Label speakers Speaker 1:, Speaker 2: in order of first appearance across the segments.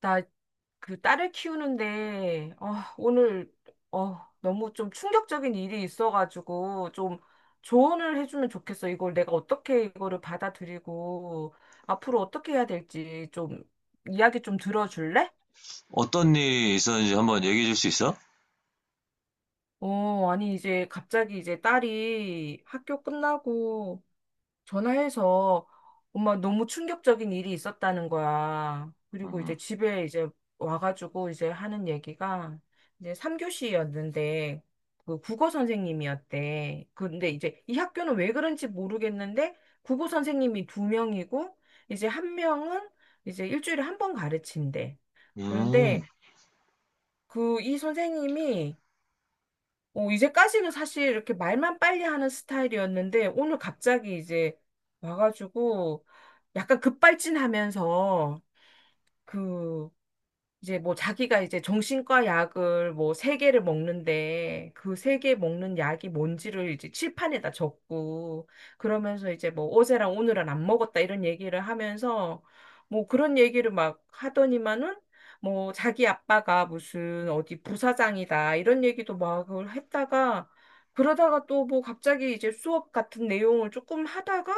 Speaker 1: 나 그 딸을 키우는데, 오늘, 너무 좀 충격적인 일이 있어가지고, 좀 조언을 해주면 좋겠어. 이걸 내가 어떻게 이거를 받아들이고, 앞으로 어떻게 해야 될지 좀 이야기 좀 들어줄래?
Speaker 2: 어떤 일이 있었는지 한번 얘기해 줄 수 있어?
Speaker 1: 아니, 이제 갑자기 이제 딸이 학교 끝나고, 전화해서 엄마 너무 충격적인 일이 있었다는 거야. 그리고
Speaker 2: 음,
Speaker 1: 이제 집에 이제 와가지고 이제 하는 얘기가 이제 3교시였는데 그 국어 선생님이었대. 근데 이제 이 학교는 왜 그런지 모르겠는데 국어 선생님이 두 명이고 이제 한 명은 이제 일주일에 한 번 가르친대.
Speaker 2: 음,
Speaker 1: 그런데 그 이 선생님이 이제까지는 사실 이렇게 말만 빨리 하는 스타일이었는데, 오늘 갑자기 이제 와가지고, 약간 급발진하면서, 그, 이제 뭐 자기가 이제 정신과 약을 뭐 세 개를 먹는데 그 세 개 먹는 약이 뭔지를 이제 칠판에다 적고, 그러면서 이제 뭐 어제랑 오늘은 안 먹었다 이런 얘기를 하면서 뭐 그런 얘기를 막 하더니만은 뭐 자기 아빠가 무슨 어디 부사장이다 이런 얘기도 막 그걸 했다가, 그러다가 또 뭐 갑자기 이제 수업 같은 내용을 조금 하다가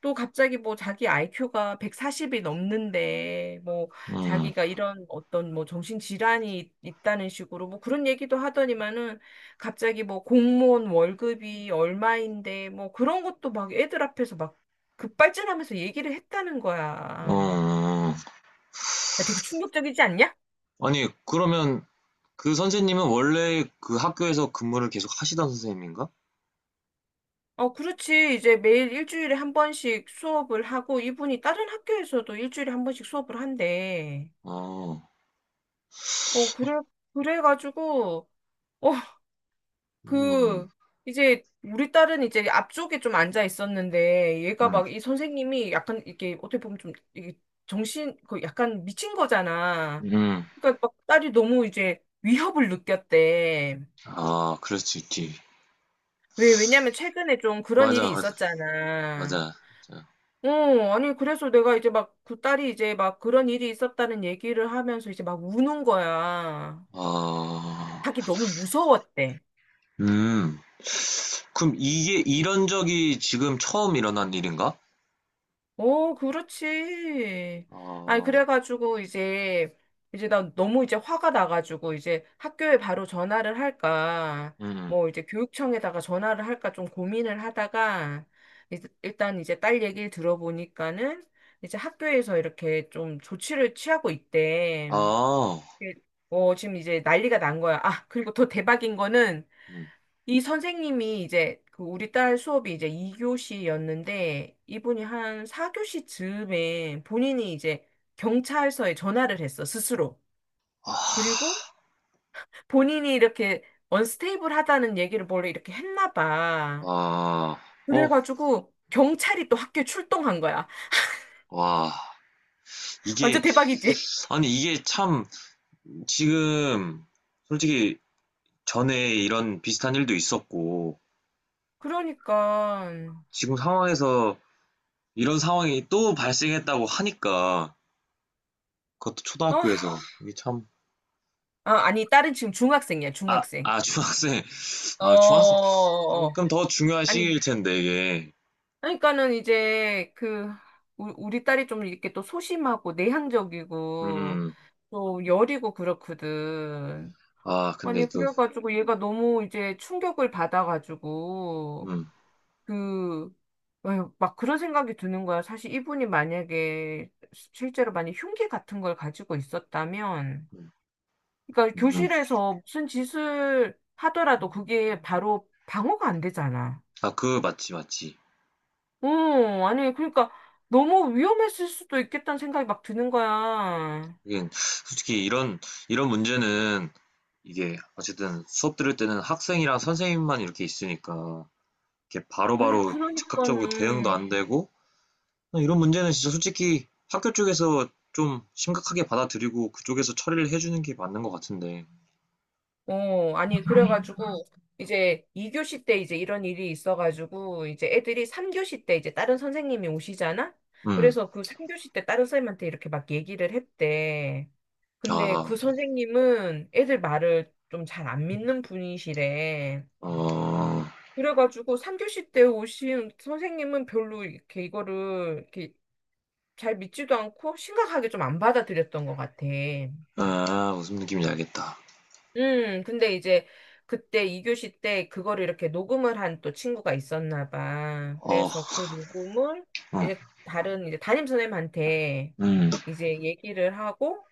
Speaker 1: 또 갑자기 뭐 자기 IQ가 140이 넘는데 뭐
Speaker 2: 음,
Speaker 1: 자기가 이런 어떤 뭐 정신질환이 있다는 식으로 뭐 그런 얘기도 하더니만은, 갑자기 뭐 공무원 월급이 얼마인데 뭐 그런 것도 막 애들 앞에서 막 급발진하면서 얘기를 했다는 거야.
Speaker 2: 음.
Speaker 1: 야, 되게 충격적이지 않냐?
Speaker 2: 아니, 그러면 그 선생님은 원래 그 학교에서 근무를 계속 하시던 선생님인가?
Speaker 1: 어, 그렇지. 이제 매일 일주일에 한 번씩 수업을 하고 이분이 다른 학교에서도 일주일에 한 번씩 수업을 한대.
Speaker 2: 어,
Speaker 1: 어, 그래, 그래가지고, 어,
Speaker 2: 음,
Speaker 1: 그, 이제, 우리 딸은 이제 앞쪽에 좀 앉아 있었는데, 얘가
Speaker 2: 음,
Speaker 1: 막 이 선생님이 약간 이렇게 어떻게 보면 좀 이게 그 약간 미친 거잖아.
Speaker 2: 음.
Speaker 1: 그러니까 막 딸이 너무 이제 위협을 느꼈대.
Speaker 2: 아, 그럴 수 있지.
Speaker 1: 왜냐면 최근에 좀 그런 일이
Speaker 2: 맞아, 맞아,
Speaker 1: 있었잖아.
Speaker 2: 맞아. 맞아.
Speaker 1: 어, 아니, 그래서 내가 이제 막 그 딸이 이제 막 그런 일이 있었다는 얘기를 하면서 이제 막 우는 거야.
Speaker 2: 아,
Speaker 1: 자기 너무 무서웠대.
Speaker 2: 음. 그럼 이게 이런 적이 지금 처음 일어난 일인가?
Speaker 1: 오, 그렇지. 아니,
Speaker 2: 아,
Speaker 1: 그래가지고, 이제, 이제 나 너무 이제 화가 나가지고, 이제 학교에 바로 전화를 할까,
Speaker 2: 음, 음.
Speaker 1: 뭐, 이제 교육청에다가 전화를 할까 좀 고민을 하다가, 일단 이제 딸 얘기를 들어보니까는, 이제 학교에서 이렇게 좀 조치를 취하고 있대.
Speaker 2: 아,
Speaker 1: 예. 어, 지금 이제 난리가 난 거야. 아, 그리고 더 대박인 거는,
Speaker 2: 음.
Speaker 1: 이 선생님이 이제 그 우리 딸 수업이 이제 2교시였는데 이분이 한 4교시 즈음에 본인이 이제 경찰서에 전화를 했어, 스스로.
Speaker 2: 아,
Speaker 1: 그리고 본인이 이렇게 언스테이블하다는 얘기를 원래 이렇게 했나 봐.
Speaker 2: 아, 어,
Speaker 1: 그래가지고 경찰이 또 학교에 출동한 거야.
Speaker 2: 와. 이게,
Speaker 1: 완전 대박이지?
Speaker 2: 아니, 이게 참, 지금, 솔직히, 전에 이런 비슷한 일도 있었고,
Speaker 1: 그러니까
Speaker 2: 지금 상황에서 이런 상황이 또 발생했다고 하니까, 그것도
Speaker 1: 아,
Speaker 2: 초등학교에서, 이게 참,
Speaker 1: 아, 아니 딸은 지금 중학생이야,
Speaker 2: 아,
Speaker 1: 중학생.
Speaker 2: 아, 중학생,
Speaker 1: 어,
Speaker 2: 아, 중학생,
Speaker 1: 어, 어.
Speaker 2: 그럼 더 중요한
Speaker 1: 아니
Speaker 2: 시기일 텐데, 이게.
Speaker 1: 그러니까는 이제 그 우리 딸이 좀 이렇게 또 소심하고 내향적이고
Speaker 2: 음,
Speaker 1: 또 여리고 그렇거든.
Speaker 2: 아, 근데
Speaker 1: 아니
Speaker 2: 또,
Speaker 1: 그래가지고 얘가 너무 이제 충격을 받아가지고
Speaker 2: 음,
Speaker 1: 그 막 그런 생각이 드는 거야. 사실 이분이 만약에 실제로 많이 흉기 같은 걸 가지고 있었다면,
Speaker 2: 음,
Speaker 1: 그러니까
Speaker 2: 음.
Speaker 1: 교실에서 무슨 짓을 하더라도 그게 바로 방어가 안 되잖아.
Speaker 2: 아, 맞지, 맞지.
Speaker 1: 아니, 그러니까 너무 위험했을 수도 있겠다는 생각이 막 드는 거야.
Speaker 2: 이게, 솔직히 이런, 이런 문제는, 이게, 어쨌든 수업 들을 때는 학생이랑 선생님만 이렇게 있으니까, 이렇게
Speaker 1: 아니,
Speaker 2: 바로바로 즉각적으로 대응도
Speaker 1: 그러니까는,
Speaker 2: 안 되고 이런 문제는 진짜 솔직히 학교 쪽에서 좀 심각하게 받아들이고 그쪽에서 처리를 해주는 게 맞는 것 같은데.
Speaker 1: 아니, 그래가지고, 이제 2교시 때 이제 이런 일이 있어가지고, 이제 애들이 3교시 때 이제 다른 선생님이 오시잖아?
Speaker 2: 음,
Speaker 1: 그래서 그 3교시 때 다른 선생님한테 이렇게 막 얘기를 했대. 근데
Speaker 2: 아,
Speaker 1: 그 선생님은 애들 말을 좀 잘 안 믿는 분이시래.
Speaker 2: 어,
Speaker 1: 그래가지고 3교시 때 오신 선생님은 별로 이렇게 이거를 이렇게 잘 믿지도 않고 심각하게 좀 안 받아들였던 것 같아.
Speaker 2: 아, 무슨 느낌인지 알겠다.
Speaker 1: 근데 이제 그때 2교시 때 그거를 이렇게 녹음을 한 또 친구가 있었나 봐.
Speaker 2: 어,
Speaker 1: 그래서 그 녹음을
Speaker 2: 음,
Speaker 1: 이제 다른 이제 담임 선생님한테
Speaker 2: 음,
Speaker 1: 이제 얘기를 하고,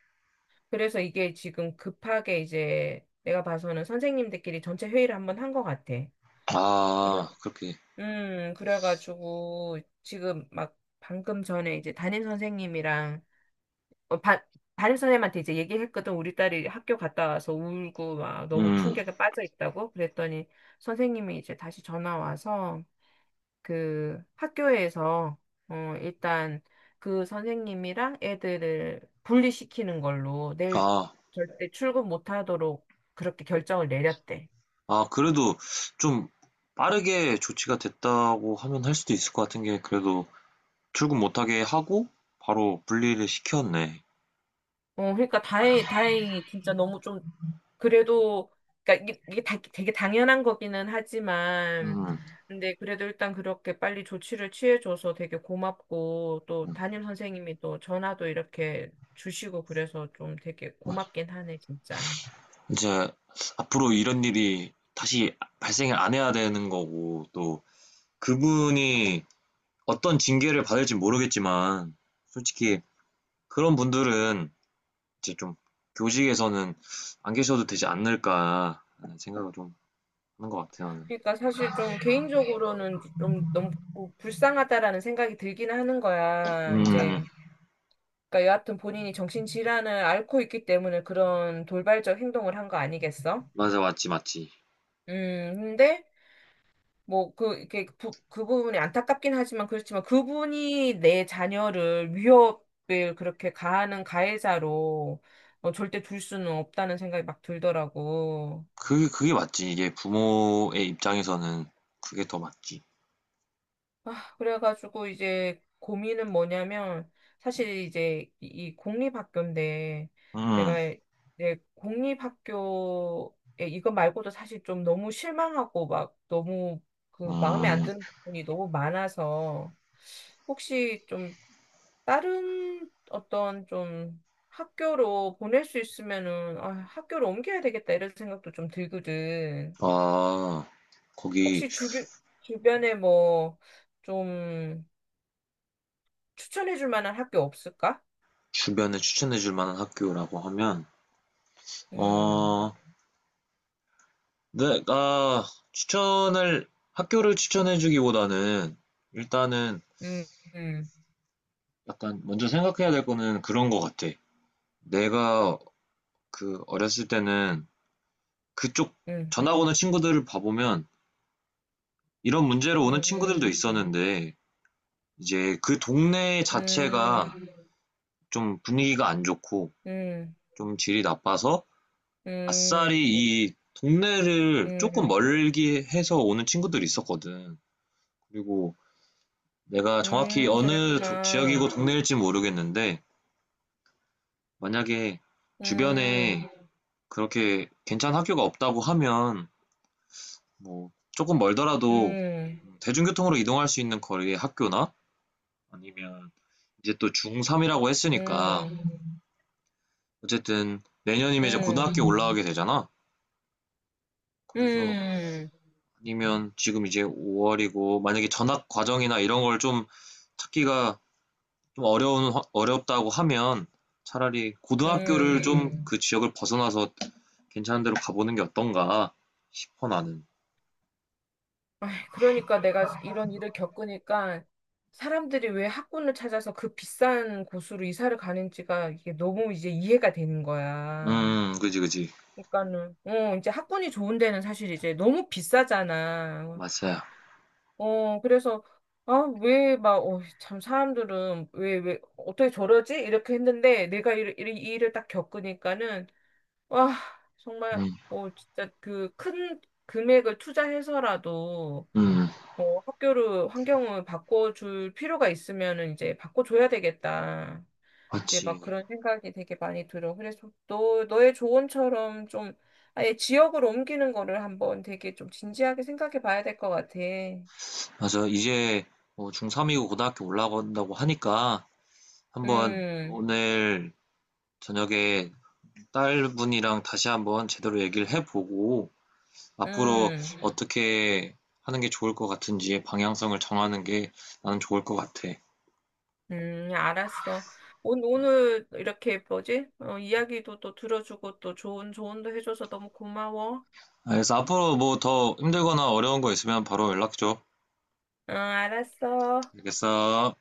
Speaker 1: 그래서 이게 지금 급하게 이제 내가 봐서는 선생님들끼리 전체 회의를 한 번 한 것 같아. 그래.
Speaker 2: 아, 그렇게,
Speaker 1: 그래가지고 지금 막 방금 전에 이제 담임 선생님이랑 반 담임 선생님한테 이제 얘기했거든. 우리 딸이 학교 갔다 와서 울고 막 너무
Speaker 2: 음,
Speaker 1: 충격에 빠져 있다고. 그랬더니 선생님이 이제 다시 전화 와서 그 학교에서 일단 그 선생님이랑 애들을 분리시키는 걸로 내일
Speaker 2: 아,
Speaker 1: 절대 출근 못 하도록 그렇게 결정을 내렸대.
Speaker 2: 아, 그래도 좀 빠르게 조치가 됐다고 하면 할 수도 있을 것 같은 게 그래도 출근 못하게 하고 바로 분리를 시켰네.
Speaker 1: 어, 그러니까 다행히 진짜 너무 좀 그래도 그러니까 이게, 이게 다, 되게 당연한 거기는 하지만
Speaker 2: 음,
Speaker 1: 근데 그래도 일단 그렇게 빨리 조치를 취해줘서 되게 고맙고 또
Speaker 2: 음,
Speaker 1: 담임 선생님이 또 전화도 이렇게 주시고 그래서 좀 되게
Speaker 2: 아,
Speaker 1: 고맙긴 하네 진짜.
Speaker 2: 이제 앞으로 이런 일이 다시 발생을 안 해야 되는 거고, 또 그분이 어떤 징계를 받을지 모르겠지만, 솔직히 그런 분들은 이제 좀 교직에서는 안 계셔도 되지 않을까 하는 생각을 좀 하는 것 같아요.
Speaker 1: 그러니까 사실 좀 개인적으로는 좀 너무 불쌍하다라는 생각이 들긴 하는 거야.
Speaker 2: 음,
Speaker 1: 이제 그러니까 여하튼 본인이 정신질환을 앓고 있기 때문에 그런 돌발적 행동을 한 거 아니겠어?
Speaker 2: 맞아, 맞지, 맞지.
Speaker 1: 근데 이렇게, 그 부분이 안타깝긴 하지만, 그렇지만, 그분이 내 자녀를 위협을 그렇게 가하는 가해자로 절대 둘 수는 없다는 생각이 막 들더라고.
Speaker 2: 그게, 그게 맞지. 이게 부모의 입장에서는 그게 더 맞지.
Speaker 1: 아, 그래가지고 이제 고민은 뭐냐면, 사실 이제 이 공립학교인데,
Speaker 2: 음,
Speaker 1: 내가 내 공립학교에 이거 말고도 사실 좀 너무 실망하고 막 너무 그 마음에 안
Speaker 2: 음,
Speaker 1: 드는 부분이 너무 많아서, 혹시 좀 다른 어떤 좀 학교로 보낼 수 있으면은 아, 학교로 옮겨야 되겠다 이런 생각도 좀 들거든.
Speaker 2: 아, 거기
Speaker 1: 혹시 주변에 뭐 좀 추천해 줄 만한 학교 없을까?
Speaker 2: 주변에 추천해 줄 만한 학교라고 하면,
Speaker 1: 음,
Speaker 2: 어, 내가 추천을, 학교를 추천해주기보다는 일단은
Speaker 1: 음, 음,
Speaker 2: 약간 먼저 생각해야 될 거는 그런 거 같아. 내가 그 어렸을 때는 그쪽
Speaker 1: 음,
Speaker 2: 전학 오는 친구들을 봐보면 이런 문제로 오는 친구들도
Speaker 1: 음,
Speaker 2: 있었는데 이제 그 동네 자체가
Speaker 1: 음,
Speaker 2: 좀 분위기가 안 좋고
Speaker 1: 음,
Speaker 2: 좀 질이 나빠서 아싸리
Speaker 1: 음,
Speaker 2: 이 동네를 조금
Speaker 1: 음,
Speaker 2: 멀게 해서 오는 친구들이 있었거든. 그리고 내가 정확히 어느
Speaker 1: 그랬구나.
Speaker 2: 지역이고 동네일지 모르겠는데, 만약에
Speaker 1: 음,
Speaker 2: 주변에 그렇게 괜찮은 학교가 없다고 하면, 뭐, 조금 멀더라도
Speaker 1: 음,
Speaker 2: 대중교통으로 이동할 수 있는 거리의 학교나, 아니면 이제 또 중3이라고 했으니까,
Speaker 1: 음, 음,
Speaker 2: 어쨌든 내년이면 이제
Speaker 1: 음,
Speaker 2: 고등학교 올라가게 되잖아. 그래서
Speaker 1: 음.
Speaker 2: 아니면 지금 이제 5월이고, 만약에 전학 과정이나 이런 걸 좀 찾기가 좀 어려운, 어렵다고 하면 차라리 고등학교를
Speaker 1: 음.
Speaker 2: 좀 그 지역을 벗어나서 괜찮은 데로 가보는 게 어떤가 싶어 나는.
Speaker 1: 아이, 그러니까 내가 이런 일을 겪으니까 사람들이 왜 학군을 찾아서 그 비싼 곳으로 이사를 가는지가 이게 너무 이제 이해가 되는 거야.
Speaker 2: 그지, 그지.
Speaker 1: 그러니까는 어 이제 학군이 좋은 데는 사실 이제 너무 비싸잖아.
Speaker 2: 맞아요.
Speaker 1: 어 그래서 아왜막어참 사람들은 왜 어떻게 저러지? 이렇게 했는데 내가 이 일을 딱 겪으니까는 와 정말
Speaker 2: 음,
Speaker 1: 진짜 그 큰 금액을 투자해서라도
Speaker 2: 음,
Speaker 1: 학교를, 환경을 바꿔줄 필요가 있으면은 이제 바꿔줘야 되겠다. 이제 막
Speaker 2: 맞지.
Speaker 1: 그런 생각이 되게 많이 들어. 그래서 너의 조언처럼 좀 아예 지역을 옮기는 거를 한번 되게 좀 진지하게 생각해 봐야 될 것 같아.
Speaker 2: 맞아. 이제 뭐 중3이고 고등학교 올라간다고 하니까 한번
Speaker 1: 음,
Speaker 2: 오늘 저녁에 딸분이랑 다시 한번 제대로 얘기를 해보고 앞으로
Speaker 1: 음,
Speaker 2: 어떻게 하는 게 좋을 것 같은지 방향성을 정하는 게 나는 좋을 것 같아.
Speaker 1: 알았어. 오늘 이렇게 뭐지? 이야기도 또 들어주고 또 좋은 조언도 해줘서 너무 고마워.
Speaker 2: 알겠어. 앞으로 뭐 더 힘들거나 어려운 거 있으면 바로 연락 줘.
Speaker 1: 응, 알았어.
Speaker 2: 알겠어.